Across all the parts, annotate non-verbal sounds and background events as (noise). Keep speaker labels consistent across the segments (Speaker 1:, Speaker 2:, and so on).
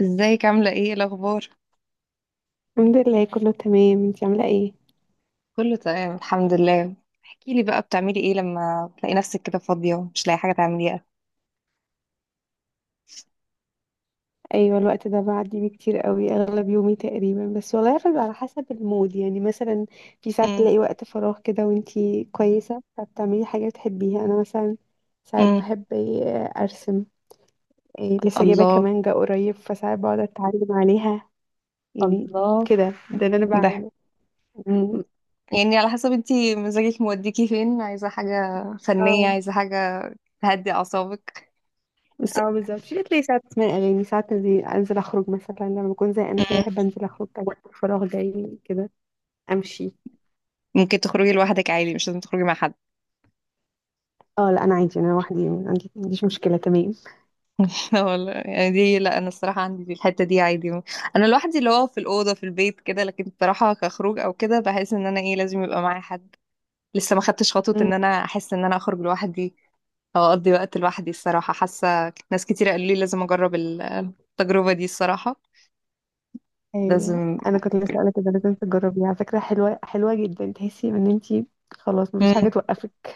Speaker 1: ازيك عاملة ايه الأخبار؟
Speaker 2: الحمد لله، كله تمام. انتي عاملة ايه؟
Speaker 1: كله تمام الحمد لله. احكيلي بقى بتعملي ايه لما تلاقي نفسك كده فاضية ومش لاقي حاجة تعمليها.
Speaker 2: ايوه الوقت ده بعدي بيه كتير قوي اغلب يومي تقريبا، بس والله بيبقى على حسب المود، يعني مثلا في ساعات
Speaker 1: امم
Speaker 2: تلاقي وقت فراغ كده وانتي كويسة فبتعملي حاجة بتحبيها. انا مثلا ساعات
Speaker 1: امم
Speaker 2: بحب ايه، ارسم. ايه، لسه جايبة
Speaker 1: الله.
Speaker 2: كمانجة قريب فساعات بقعد اتعلم عليها يعني،
Speaker 1: الله.
Speaker 2: كده ده اللي انا
Speaker 1: ده.
Speaker 2: بعمله. مم.
Speaker 1: يعني على حسب انتي مزاجك موديكي فين، عايزة حاجة فنية،
Speaker 2: اه،
Speaker 1: عايزة حاجة تهدي أعصابك بس.
Speaker 2: اه بالظبط. في بتلاقي ساعات اسمع اغاني، ساعات انزل اخرج، مثلا لما بكون زهقانة شوية احب
Speaker 1: امم
Speaker 2: انزل اخرج وقت الفراغ جاي كده، امشي.
Speaker 1: ممكن تخرجي لوحدك عادي؟ مش لازم تخرجي مع حد.
Speaker 2: اه لا، انا عادي، انا لوحدي، ما عنديش مشكله، تمام.
Speaker 1: (laughs) لا والله، يعني دي لا، أنا الصراحة عندي في الحتة دي عادي. أنا لوحدي اللي هو في الأوضة في البيت كده، لكن الصراحة كخروج أو كده بحس إن أنا ايه لازم يبقى معايا حد. لسه ما خدتش خطوة
Speaker 2: أمم،
Speaker 1: ان انا احس ان انا اخرج لوحدي او اقضي وقت لوحدي. الصراحة حاسة ناس كتير قالوا لي لازم اجرب التجربة دي الصراحة.
Speaker 2: ايوه،
Speaker 1: لازم.
Speaker 2: انا كنت لسه اقول لك ده، لازم تجربيها على فكره، حلوه حلوه جدا، تحسي ان انت خلاص مفيش حاجه
Speaker 1: مم.
Speaker 2: توقفك.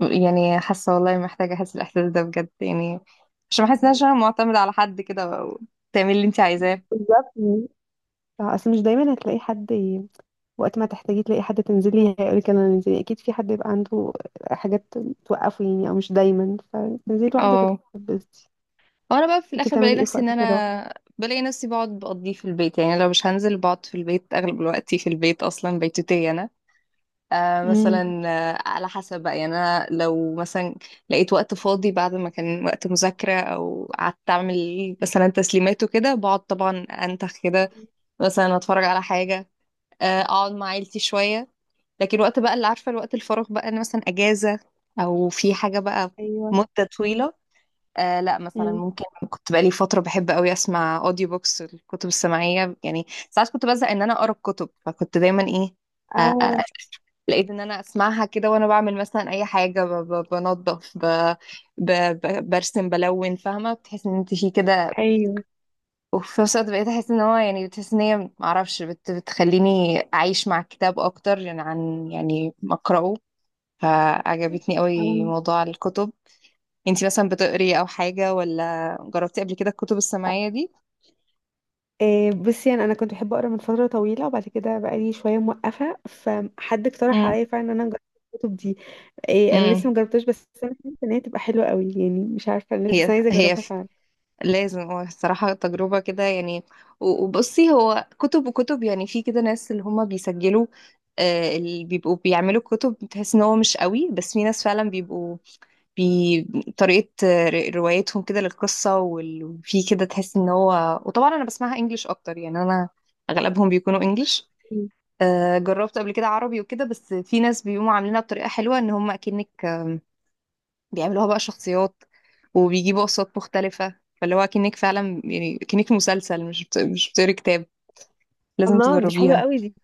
Speaker 1: يعني حاسة والله محتاجة احس الاحساس ده بجد يعني، عشان ما احسش
Speaker 2: مم.
Speaker 1: ان انا معتمدة على حد كده او تعمل اللي انت عايزاه.
Speaker 2: بالظبط. آه، اصل مش دايما هتلاقي حد ي... وقت ما تحتاجي تلاقي حد تنزلي هيقولك يلا ننزلي، اكيد في حد يبقى عنده حاجات توقفه يعني، او مش دايما، فتنزلي لوحدك
Speaker 1: اه.
Speaker 2: وتتبسطي.
Speaker 1: وانا بقى في
Speaker 2: انت
Speaker 1: الاخر بلاقي
Speaker 2: بتعملي ايه في
Speaker 1: نفسي ان
Speaker 2: وقت الفراغ؟
Speaker 1: انا بلاقي نفسي بقعد بقضيه في البيت، يعني لو مش هنزل بقعد في البيت اغلب الوقت، في البيت اصلا، بيتوتية انا. آه
Speaker 2: امم،
Speaker 1: مثلا، على حسب بقى، يعني انا لو مثلا لقيت وقت فاضي بعد ما كان وقت مذاكرة او قعدت اعمل مثلا تسليمات وكده، بقعد طبعا انتخ كده. مثلا اتفرج على حاجة. آه اقعد مع عيلتي شوية. لكن وقت بقى اللي عارفة، الوقت الفراغ بقى انا مثلا اجازة او في حاجة بقى
Speaker 2: ايوه،
Speaker 1: مدة طويلة. آه لا مثلا
Speaker 2: امم،
Speaker 1: ممكن، كنت بقالي فترة بحب قوي اسمع اوديو بوكس، الكتب السمعية يعني. ساعات كنت بزهق ان انا اقرا الكتب فكنت دايما ايه، آه، آه،
Speaker 2: اه،
Speaker 1: لقيت ان انا اسمعها كده وانا بعمل مثلا اي حاجه، بنظف، ب... برسم بلون، فاهمه؟ بتحس ان انت في كده.
Speaker 2: ايوه،
Speaker 1: وفي نفس الوقت بقيت احس ان هو يعني، بتحس ان هي معرفش بتخليني اعيش مع الكتاب اكتر، يعني عن يعني ما اقراه. فعجبتني
Speaker 2: أو.
Speaker 1: قوي موضوع الكتب. انت مثلا بتقري او حاجه ولا جربتي قبل كده الكتب السماعيه دي؟
Speaker 2: إيه، بصي يعني انا كنت بحب اقرا من فتره طويله، وبعد كده بقالي شويه موقفه فحد اقترح
Speaker 1: امم
Speaker 2: عليا فعلا ان انا اجرب الكتب دي. إيه انا
Speaker 1: امم
Speaker 2: لسه ما جربتهاش، بس انا حاسه ان هي تبقى حلوه قوي، يعني مش بس
Speaker 1: هي
Speaker 2: انا عايزه
Speaker 1: هي
Speaker 2: اجربها فعلا.
Speaker 1: لازم هو الصراحة تجربة كده يعني. وبصي هو كتب وكتب يعني. في كده ناس اللي هما بيسجلوا آه، اللي بيبقوا بيعملوا كتب بتحس ان هو مش قوي، بس في ناس فعلا بيبقوا طريقة روايتهم كده للقصة وفي كده تحس ان هو، وطبعا انا بسمعها انجليش اكتر يعني انا اغلبهم بيكونوا انجليش.
Speaker 2: مم.
Speaker 1: آه، جربت قبل كده عربي وكده، بس في ناس بيقوموا عاملينها بطريقة حلوة ان هم اكنك بيعملوها بقى شخصيات وبيجيبوا أصوات مختلفة، فاللي هو كأنك فعلا يعني كأنك في مسلسل، مش بتقري كتاب. لازم
Speaker 2: الله، دي حلوه
Speaker 1: تجربيها.
Speaker 2: قوي دي.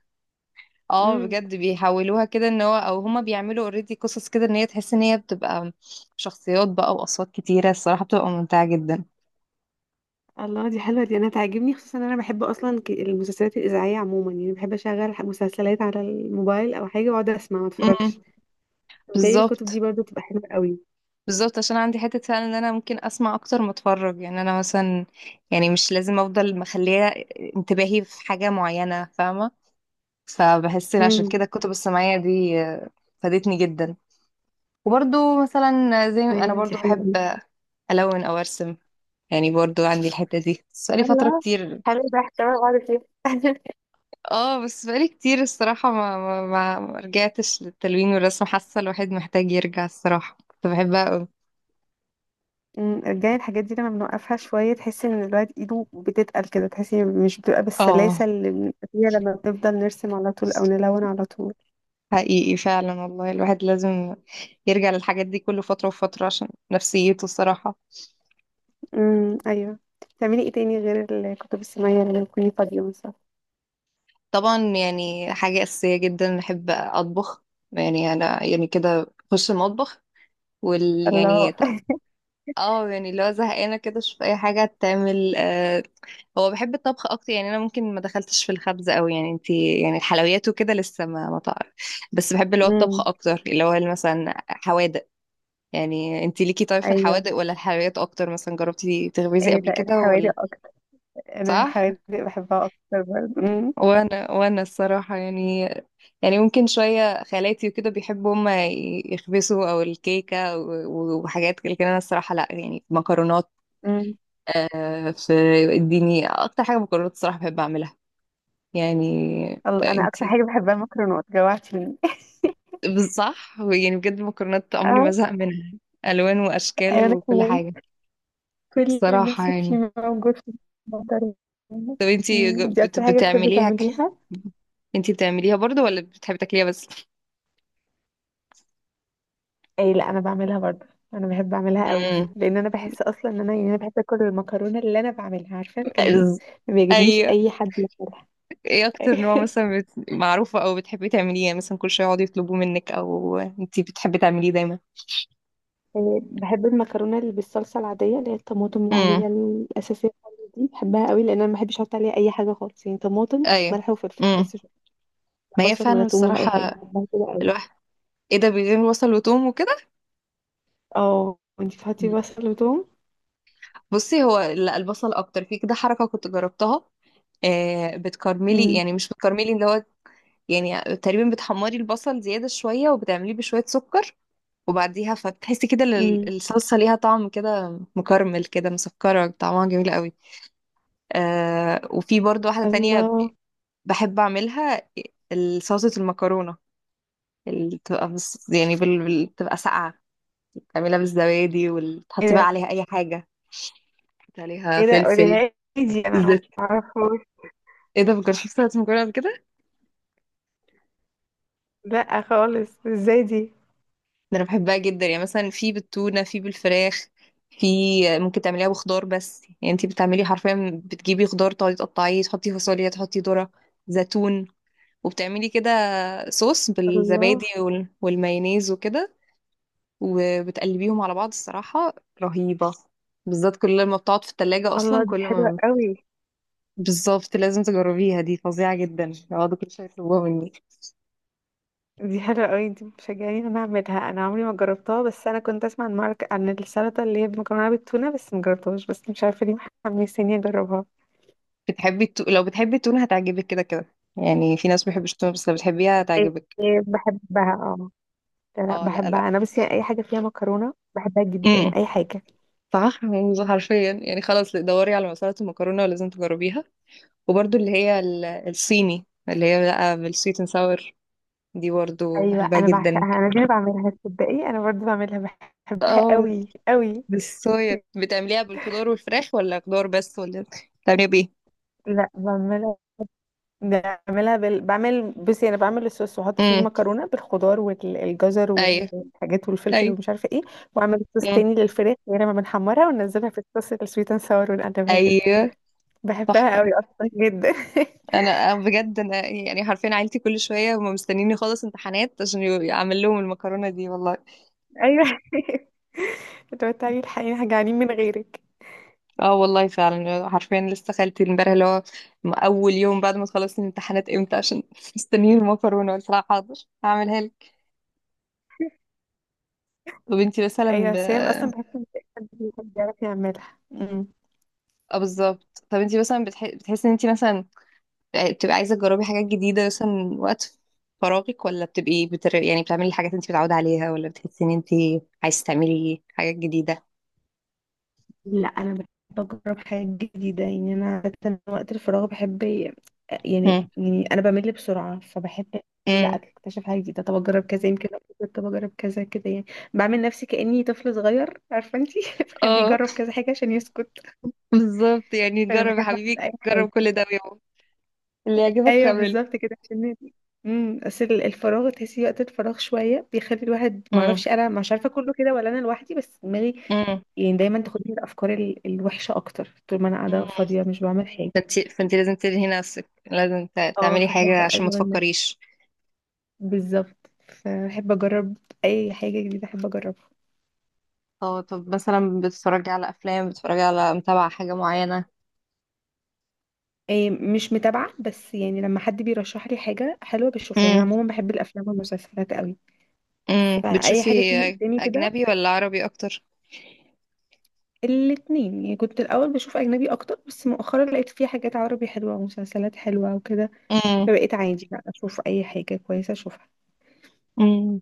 Speaker 1: اه
Speaker 2: امم،
Speaker 1: بجد بيحولوها كده، ان هو او هما بيعملوا اوريدي قصص كده، ان هي تحس ان هي بتبقى شخصيات بقى، واصوات كتيره. الصراحه بتبقى ممتعه جدا.
Speaker 2: الله دي حلوه دي، انا تعجبني، خصوصا ان انا بحب اصلا المسلسلات الاذاعيه عموما، يعني بحب اشغل مسلسلات على الموبايل او حاجه واقعد اسمع ما اتفرجش.
Speaker 1: امم
Speaker 2: متهيألي الكتب دي
Speaker 1: بالظبط.
Speaker 2: برضو تبقى حلوه قوي.
Speaker 1: بالظبط عشان عندي حته فعلا ان انا ممكن اسمع اكتر ما اتفرج، يعني انا مثلا يعني مش لازم افضل مخليه انتباهي في حاجه معينه، فاهمه؟ فبحس إن عشان
Speaker 2: امم،
Speaker 1: كده الكتب السمعية دي فادتني جدا. وبرضو مثلا زي ما انا
Speaker 2: ايوه دي
Speaker 1: برضو
Speaker 2: حلوه قوي.
Speaker 1: بحب الون او ارسم، يعني برضو عندي الحتة دي بس بقالي فترة
Speaker 2: الله،
Speaker 1: كتير.
Speaker 2: حلو ده، احتمال اقعد فيه. (laughs)
Speaker 1: اه بس بقالي كتير الصراحة، ما رجعتش للتلوين والرسم. حاسة الواحد محتاج يرجع الصراحة، كنت بحبها قوي.
Speaker 2: مم، رجعي الحاجات دي، لما بنوقفها شوية تحسي ان الواحد ايده بتتقل كده، تحسي مش بتبقى بالسلاسة
Speaker 1: اه،
Speaker 2: اللي بنبقى فيها لما بنفضل نرسم على طول او نلون على طول.
Speaker 1: حقيقي فعلا والله الواحد لازم يرجع للحاجات دي كل فترة وفترة عشان نفسيته الصراحة.
Speaker 2: امم، ايوه. بتعملي ايه تاني غير الكتب السماوية لما تكوني فاضية مثلا؟
Speaker 1: طبعا يعني حاجة أساسية جدا، بحب أطبخ. يعني أنا يعني كده أخش المطبخ. وال
Speaker 2: الله.
Speaker 1: يعني ط-
Speaker 2: (laughs)
Speaker 1: اه يعني لو زهقانة كده أشوف أي حاجة تعمل. هو بحب الطبخ أكتر. يعني أنا ممكن ما دخلتش في الخبز أوي، يعني انتي يعني الحلويات وكده لسه ما تعرف. بس بحب اللي هو الطبخ
Speaker 2: امم،
Speaker 1: أكتر، اللي هو مثلا حوادق. يعني انتي ليكي طيب في
Speaker 2: ايوه،
Speaker 1: الحوادق ولا الحلويات أكتر؟ مثلا جربتي تخبزي
Speaker 2: ايه
Speaker 1: قبل
Speaker 2: ده،
Speaker 1: كده ولا؟
Speaker 2: الحوادق اكتر. انا
Speaker 1: صح؟
Speaker 2: الحوادق بحبها اكتر برضه. امم،
Speaker 1: وانا الصراحه يعني، يعني ممكن شويه خالاتي وكده بيحبوا هما يخبزوا او الكيكه وحاجات كده، لكن انا الصراحه لا. يعني مكرونات
Speaker 2: امم،
Speaker 1: آه، في اديني اكتر حاجه مكرونات الصراحه بحب اعملها. يعني
Speaker 2: الله، انا اكتر
Speaker 1: انتي،
Speaker 2: حاجة بحبها المكرونات، جوعتيني. (laughs)
Speaker 1: صح، يعني بجد المكرونات عمري ما
Speaker 2: اه،
Speaker 1: زهق منها. الوان واشكال
Speaker 2: ايوه انا
Speaker 1: وكل
Speaker 2: كمان،
Speaker 1: حاجه.
Speaker 2: كل اللي
Speaker 1: الصراحه
Speaker 2: نفسي
Speaker 1: يعني،
Speaker 2: فيه موجود في المطر.
Speaker 1: طب انتي
Speaker 2: دي اكتر حاجة بتحبي
Speaker 1: بتعمليها
Speaker 2: تعمليها؟
Speaker 1: انتي بتعمليها برضو ولا بتحبي تاكليها بس؟
Speaker 2: اي لا، انا بعملها برضه، انا بحب اعملها قوي،
Speaker 1: مم.
Speaker 2: لان انا بحس اصلا ان انا، يعني انا بحب اكل المكرونه اللي انا بعملها عارفه، لكن ما بيعجبنيش
Speaker 1: ايوه.
Speaker 2: اي حد ياكلها.
Speaker 1: ايه اكتر نوع
Speaker 2: (laughs)
Speaker 1: مثلا معروفة او بتحبي تعمليه، يعني مثلا كل شوية يقعدوا يطلبوه منك او انتي بتحبي تعمليه دايما؟
Speaker 2: يعني بحب المكرونه اللي بالصلصه العاديه، اللي هي الطماطم
Speaker 1: امم
Speaker 2: العاديه الاساسيه خالص، دي بحبها قوي، لان انا ما بحبش احط عليها اي حاجه خالص، يعني طماطم
Speaker 1: ايوه.
Speaker 2: ملح وفلفل
Speaker 1: امم
Speaker 2: بس، مش
Speaker 1: ما
Speaker 2: بحط
Speaker 1: هي
Speaker 2: بصل ولا
Speaker 1: فعلا
Speaker 2: توم ولا اي
Speaker 1: الصراحة
Speaker 2: حاجه، بحبها كده قوي.
Speaker 1: الواحد. ايه ده، بيعمل بصل وتوم وكده؟
Speaker 2: اه، وانتي بتحطي بصل وتوم؟
Speaker 1: بصي هو لا، البصل اكتر. في كده حركة كنت جربتها، آه بتكرملي،
Speaker 2: امم،
Speaker 1: يعني مش بتكرملي اللي هو، يعني تقريبا بتحمري البصل زيادة شوية وبتعمليه بشوية سكر وبعديها، فبتحسي كده
Speaker 2: امم،
Speaker 1: الصلصة ليها طعم كده مكرمل كده مسكرة، طعمها جميل قوي. آه، وفي برضو واحدة تانية
Speaker 2: الله،
Speaker 1: بحب اعملها، صلصة المكرونة اللي بتبقى بس يعني بتبقى ساقعة، تعملها بالزبادي
Speaker 2: ايه
Speaker 1: وتحطي بقى
Speaker 2: ده،
Speaker 1: عليها اي حاجة، تحطي عليها
Speaker 2: ايه ده،
Speaker 1: فلفل
Speaker 2: قوليها لي دي انا ما
Speaker 1: زيت.
Speaker 2: اعرفهاش.
Speaker 1: ايه ده، مكنتش شفت صلصة المكرونة قبل كده.
Speaker 2: لا خالص، ازاي دي؟
Speaker 1: ده انا بحبها جدا، يعني مثلا في بالتونة، في بالفراخ، في ممكن تعمليها بخضار بس. يعني انتي بتعملي حرفيا بتجيبي خضار تقعدي تقطعيه، تحطي فاصوليا، تحطي ذرة، زيتون. وبتعملي كده صوص
Speaker 2: الله،
Speaker 1: بالزبادي والمايونيز وكده، وبتقلبيهم على بعض. الصراحة رهيبة، بالذات كل ما بتقعد في التلاجة
Speaker 2: الله،
Speaker 1: أصلا
Speaker 2: دي
Speaker 1: كل
Speaker 2: حلوة
Speaker 1: ما.
Speaker 2: قوي
Speaker 1: بالظبط، لازم تجربيها دي، فظيعة جدا، يقعدوا كل شوية يطلبوها مني.
Speaker 2: دي، حلوة قوي دي، بتشجعني انا اعملها، انا عمري ما جربتها، بس انا كنت اسمع عن مارك، عن السلطة اللي هي بمكرونة بالتونة، بس ما جربتهاش، بس مش عارفة ليه. محمسيني اجربها.
Speaker 1: بتحبي لو بتحبي التونة هتعجبك كده كده، يعني في ناس ما بيحبوش التونة بس لو بتحبيها
Speaker 2: إيه،
Speaker 1: هتعجبك.
Speaker 2: بحبها اه، لا لا
Speaker 1: اه لا لا.
Speaker 2: بحبها انا، بس يعني اي حاجة فيها مكرونة بحبها جدا،
Speaker 1: امم
Speaker 2: اي حاجة.
Speaker 1: صح، يعني حرفيا يعني، خلاص دوري على مسألة المكرونة ولازم تجربيها. وبرده اللي هي الصيني اللي هي بقى بالسويت اند ساور، دي برضه
Speaker 2: ايوه
Speaker 1: بحبها
Speaker 2: انا
Speaker 1: جدا.
Speaker 2: بعشقها، انا دي اللي بعملها، تصدقي انا برضو بعملها، بحبها
Speaker 1: اه،
Speaker 2: قوي قوي.
Speaker 1: بالصويا بتعمليها بالخضار والفراخ ولا خضار بس؟ ولا بتعمليها بايه؟
Speaker 2: لا بعملها بعملها بال... بعمل، بصي انا بعمل الصوص واحط فيه
Speaker 1: امم
Speaker 2: المكرونه بالخضار والجزر
Speaker 1: ايوه.
Speaker 2: والحاجات والفلفل
Speaker 1: ايوه.
Speaker 2: ومش عارفه ايه، واعمل صوص
Speaker 1: امم
Speaker 2: تاني للفراخ، غير ما بنحمرها وننزلها في الصوص السويت اند ساور ونقلبها كده.
Speaker 1: ايوه.
Speaker 2: بحبها
Speaker 1: تحفه.
Speaker 2: قوي اصلا جدا. (laughs)
Speaker 1: انا بجد، انا يعني حرفيا عيلتي كل شويه هم مستنيني اخلص امتحانات عشان اعمل لهم المكرونه دي والله.
Speaker 2: ايوه. (laughs) لو تعالي، الحقيقه جعانين من غيرك.
Speaker 1: اه والله فعلا حرفيا، لسه خالتي امبارح اللي هو، اول يوم بعد ما تخلص الامتحانات امتى، عشان (laughs) مستنيين المكرونه، قلت لها حاضر، هعملها لك. طب انتي مثلا
Speaker 2: ايوه سام، اصلا بحس ان في حد بيحب يعرف يعملها. أمم.
Speaker 1: اه بالظبط، طب انتي مثلا بتحسي ان انتي مثلا بتبقى عايزة تجربي حاجات جديدة مثلا من وقت فراغك، ولا بتبقي يعني بتعملي الحاجات انت متعودة عليها، ولا بتحسي ان انت عايزة تعملي حاجات جديدة؟
Speaker 2: لا انا بحب اجرب حاجات جديده، يعني انا عادة وقت الفراغ بحب، يعني
Speaker 1: مم.
Speaker 2: يعني انا بمل بسرعه، فبحب لا
Speaker 1: مم.
Speaker 2: اكتشف حاجه جديده، طب اجرب كذا يمكن أبسط، طب اجرب كذا كده يعني، بعمل نفسي كاني طفل صغير، عارفه انتي، (laughs) بخليه
Speaker 1: اه
Speaker 2: يجرب كذا حاجه عشان يسكت.
Speaker 1: (laughs) بالظبط، يعني
Speaker 2: فانا
Speaker 1: جرب يا
Speaker 2: بحب اعمل
Speaker 1: حبيبي،
Speaker 2: اي
Speaker 1: جرب
Speaker 2: حاجه.
Speaker 1: كل ده ويوم اللي يعجبك
Speaker 2: ايوه
Speaker 1: اعمله.
Speaker 2: بالظبط كده، عشان نادي. امم، الفراغ، تحسي وقت الفراغ شويه بيخلي الواحد، ما
Speaker 1: مم.
Speaker 2: اعرفش انا مش عارفه كله كده ولا انا لوحدي، بس دماغي
Speaker 1: مم.
Speaker 2: يعني دايما تاخدني الوحشه اكتر طول ما انا قاعده
Speaker 1: مم.
Speaker 2: فاضيه مش بعمل حاجه.
Speaker 1: فانت لازم تلهي نفسك، لازم
Speaker 2: اه
Speaker 1: تعملي
Speaker 2: فاحب
Speaker 1: حاجة عشان ما
Speaker 2: اشغل نفسي.
Speaker 1: تفكريش.
Speaker 2: بالظبط فاحب اجرب اي حاجه جديده، احب اجربها.
Speaker 1: اه، طب مثلا بتتفرجي على افلام، بتتفرجي على متابعة حاجة معينة؟
Speaker 2: إيه مش متابعه، بس يعني لما حد بيرشح لي حاجه حلوه بشوفها، يعني انا
Speaker 1: مم.
Speaker 2: عموما بحب الافلام والمسلسلات قوي،
Speaker 1: مم.
Speaker 2: فاي
Speaker 1: بتشوفي
Speaker 2: حاجه تيجي قدامي كده.
Speaker 1: اجنبي ولا عربي اكتر؟
Speaker 2: الاتنين، يعني كنت الأول بشوف أجنبي أكتر، بس مؤخرا لقيت فيه حاجات عربي حلوة ومسلسلات حلوة وكده،
Speaker 1: امم
Speaker 2: فبقيت عادي بقى أشوف أي حاجة كويسة أشوفها.
Speaker 1: امم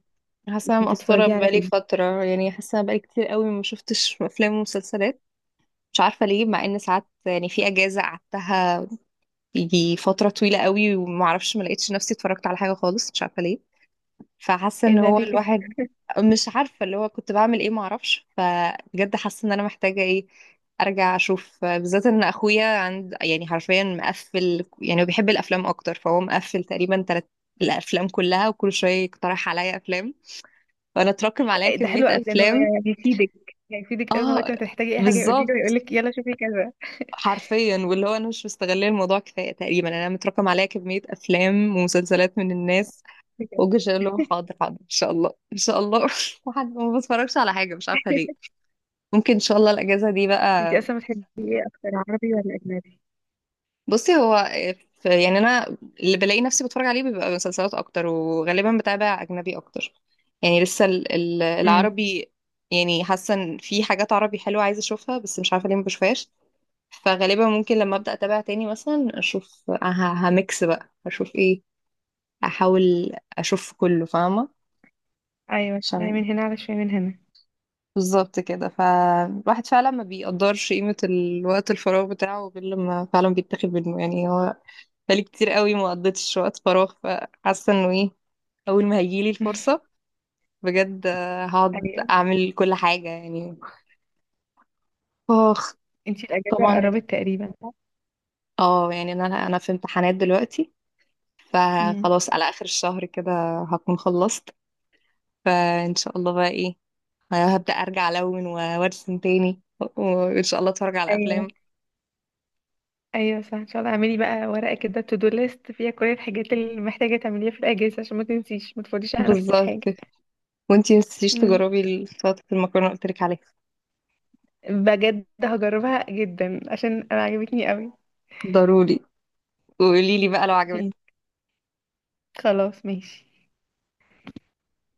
Speaker 1: حاسه أنا
Speaker 2: انتي
Speaker 1: مقصره
Speaker 2: بتتفرجي على
Speaker 1: بقالي
Speaker 2: ايه؟
Speaker 1: فتره. يعني حاسه بقالي كتير قوي ما شفتش افلام ومسلسلات، مش عارفه ليه، مع ان ساعات يعني في اجازه قعدتها يجي فتره طويله قوي وما اعرفش، ما لقيتش نفسي اتفرجت على حاجه خالص، مش عارفه ليه. فحاسه
Speaker 2: ايه
Speaker 1: ان
Speaker 2: ده،
Speaker 1: هو
Speaker 2: ليه كده؟
Speaker 1: الواحد، مش عارفه اللي هو كنت بعمل ايه ما اعرفش، فبجد حاسه ان انا محتاجه ايه ارجع اشوف. بالذات ان اخويا عند، يعني حرفيا مقفل، يعني هو بيحب الافلام اكتر، فهو مقفل تقريبا تلات الافلام كلها، وكل شويه يقترح عليا افلام، فانا اتراكم عليا
Speaker 2: إيه ده
Speaker 1: كمية
Speaker 2: حلو قوي ده، إن هو
Speaker 1: افلام.
Speaker 2: يعني بيفيدك، يعني بيفيدك أول ما وقت
Speaker 1: اه
Speaker 2: ما تحتاجي أي حاجة يقولي له يقول
Speaker 1: بالظبط،
Speaker 2: لك يلا شوفي كذا
Speaker 1: حرفيا واللي هو انا مش مستغله الموضوع كفايه تقريبا، يعني انا متراكم عليا كميه افلام ومسلسلات من الناس
Speaker 2: كده.
Speaker 1: واجي اقول لهم حاضر حاضر، ان شاء الله ان شاء الله، (laughs) وحد ما بتفرجش على حاجه مش عارفه ليه.
Speaker 2: (laughs)
Speaker 1: ممكن ان شاء الله الاجازه دي
Speaker 2: انتي
Speaker 1: بقى.
Speaker 2: أصلا بتحبي ايه أكتر، عربي ولا أجنبي؟
Speaker 1: بصي هو يعني انا، اللي بلاقي نفسي بتفرج عليه بيبقى مسلسلات اكتر، وغالبا بتابع اجنبي اكتر، يعني لسه
Speaker 2: امم،
Speaker 1: العربي، يعني حاسه ان في حاجات عربي حلوه عايزه اشوفها، بس مش عارفه ليه ما بشوفهاش. فغالبا ممكن لما ابدا اتابع تاني مثلا اشوف هميكس بقى، اشوف ايه، احاول اشوف كله، فاهمه؟
Speaker 2: ايوه، شويه
Speaker 1: عشان
Speaker 2: من هنا على شويه من هنا.
Speaker 1: بالظبط كده. فالواحد فعلا ما بيقدرش قيمه الوقت الفراغ بتاعه غير لما فعلا بيتاخد منه، يعني هو بقالي كتير قوي ما قضيتش وقت فراغ، فحاسه انه ايه، اول ما هيجيلي الفرصه
Speaker 2: (laughs)
Speaker 1: بجد هقعد
Speaker 2: أيوه.
Speaker 1: اعمل كل حاجه يعني. اخ.
Speaker 2: انتي الأجازة
Speaker 1: طبعا،
Speaker 2: قربت تقريبا صح؟
Speaker 1: اه يعني انا في امتحانات دلوقتي،
Speaker 2: امم،
Speaker 1: فخلاص على اخر الشهر كده هكون خلصت، فان شاء الله بقى ايه هبدأ ارجع الون وارسم تاني، وان شاء الله اتفرج على افلام.
Speaker 2: أيوة. ايوه صح، ان شاء الله اعملي بقى ورقه كده تو دو ليست فيها كل الحاجات اللي محتاجه تعمليها في الاجازه، عشان ما تنسيش ما تفضيش على نفسك
Speaker 1: بالظبط،
Speaker 2: حاجه.
Speaker 1: وانتي متنسيش
Speaker 2: امم،
Speaker 1: تجربي السلطة المكرونة اللي قلت لك عليها.
Speaker 2: بجد هجربها جدا عشان انا عجبتني قوي.
Speaker 1: ضروري، وقولي لي بقى لو
Speaker 2: مم.
Speaker 1: عجبتك.
Speaker 2: خلاص ماشي.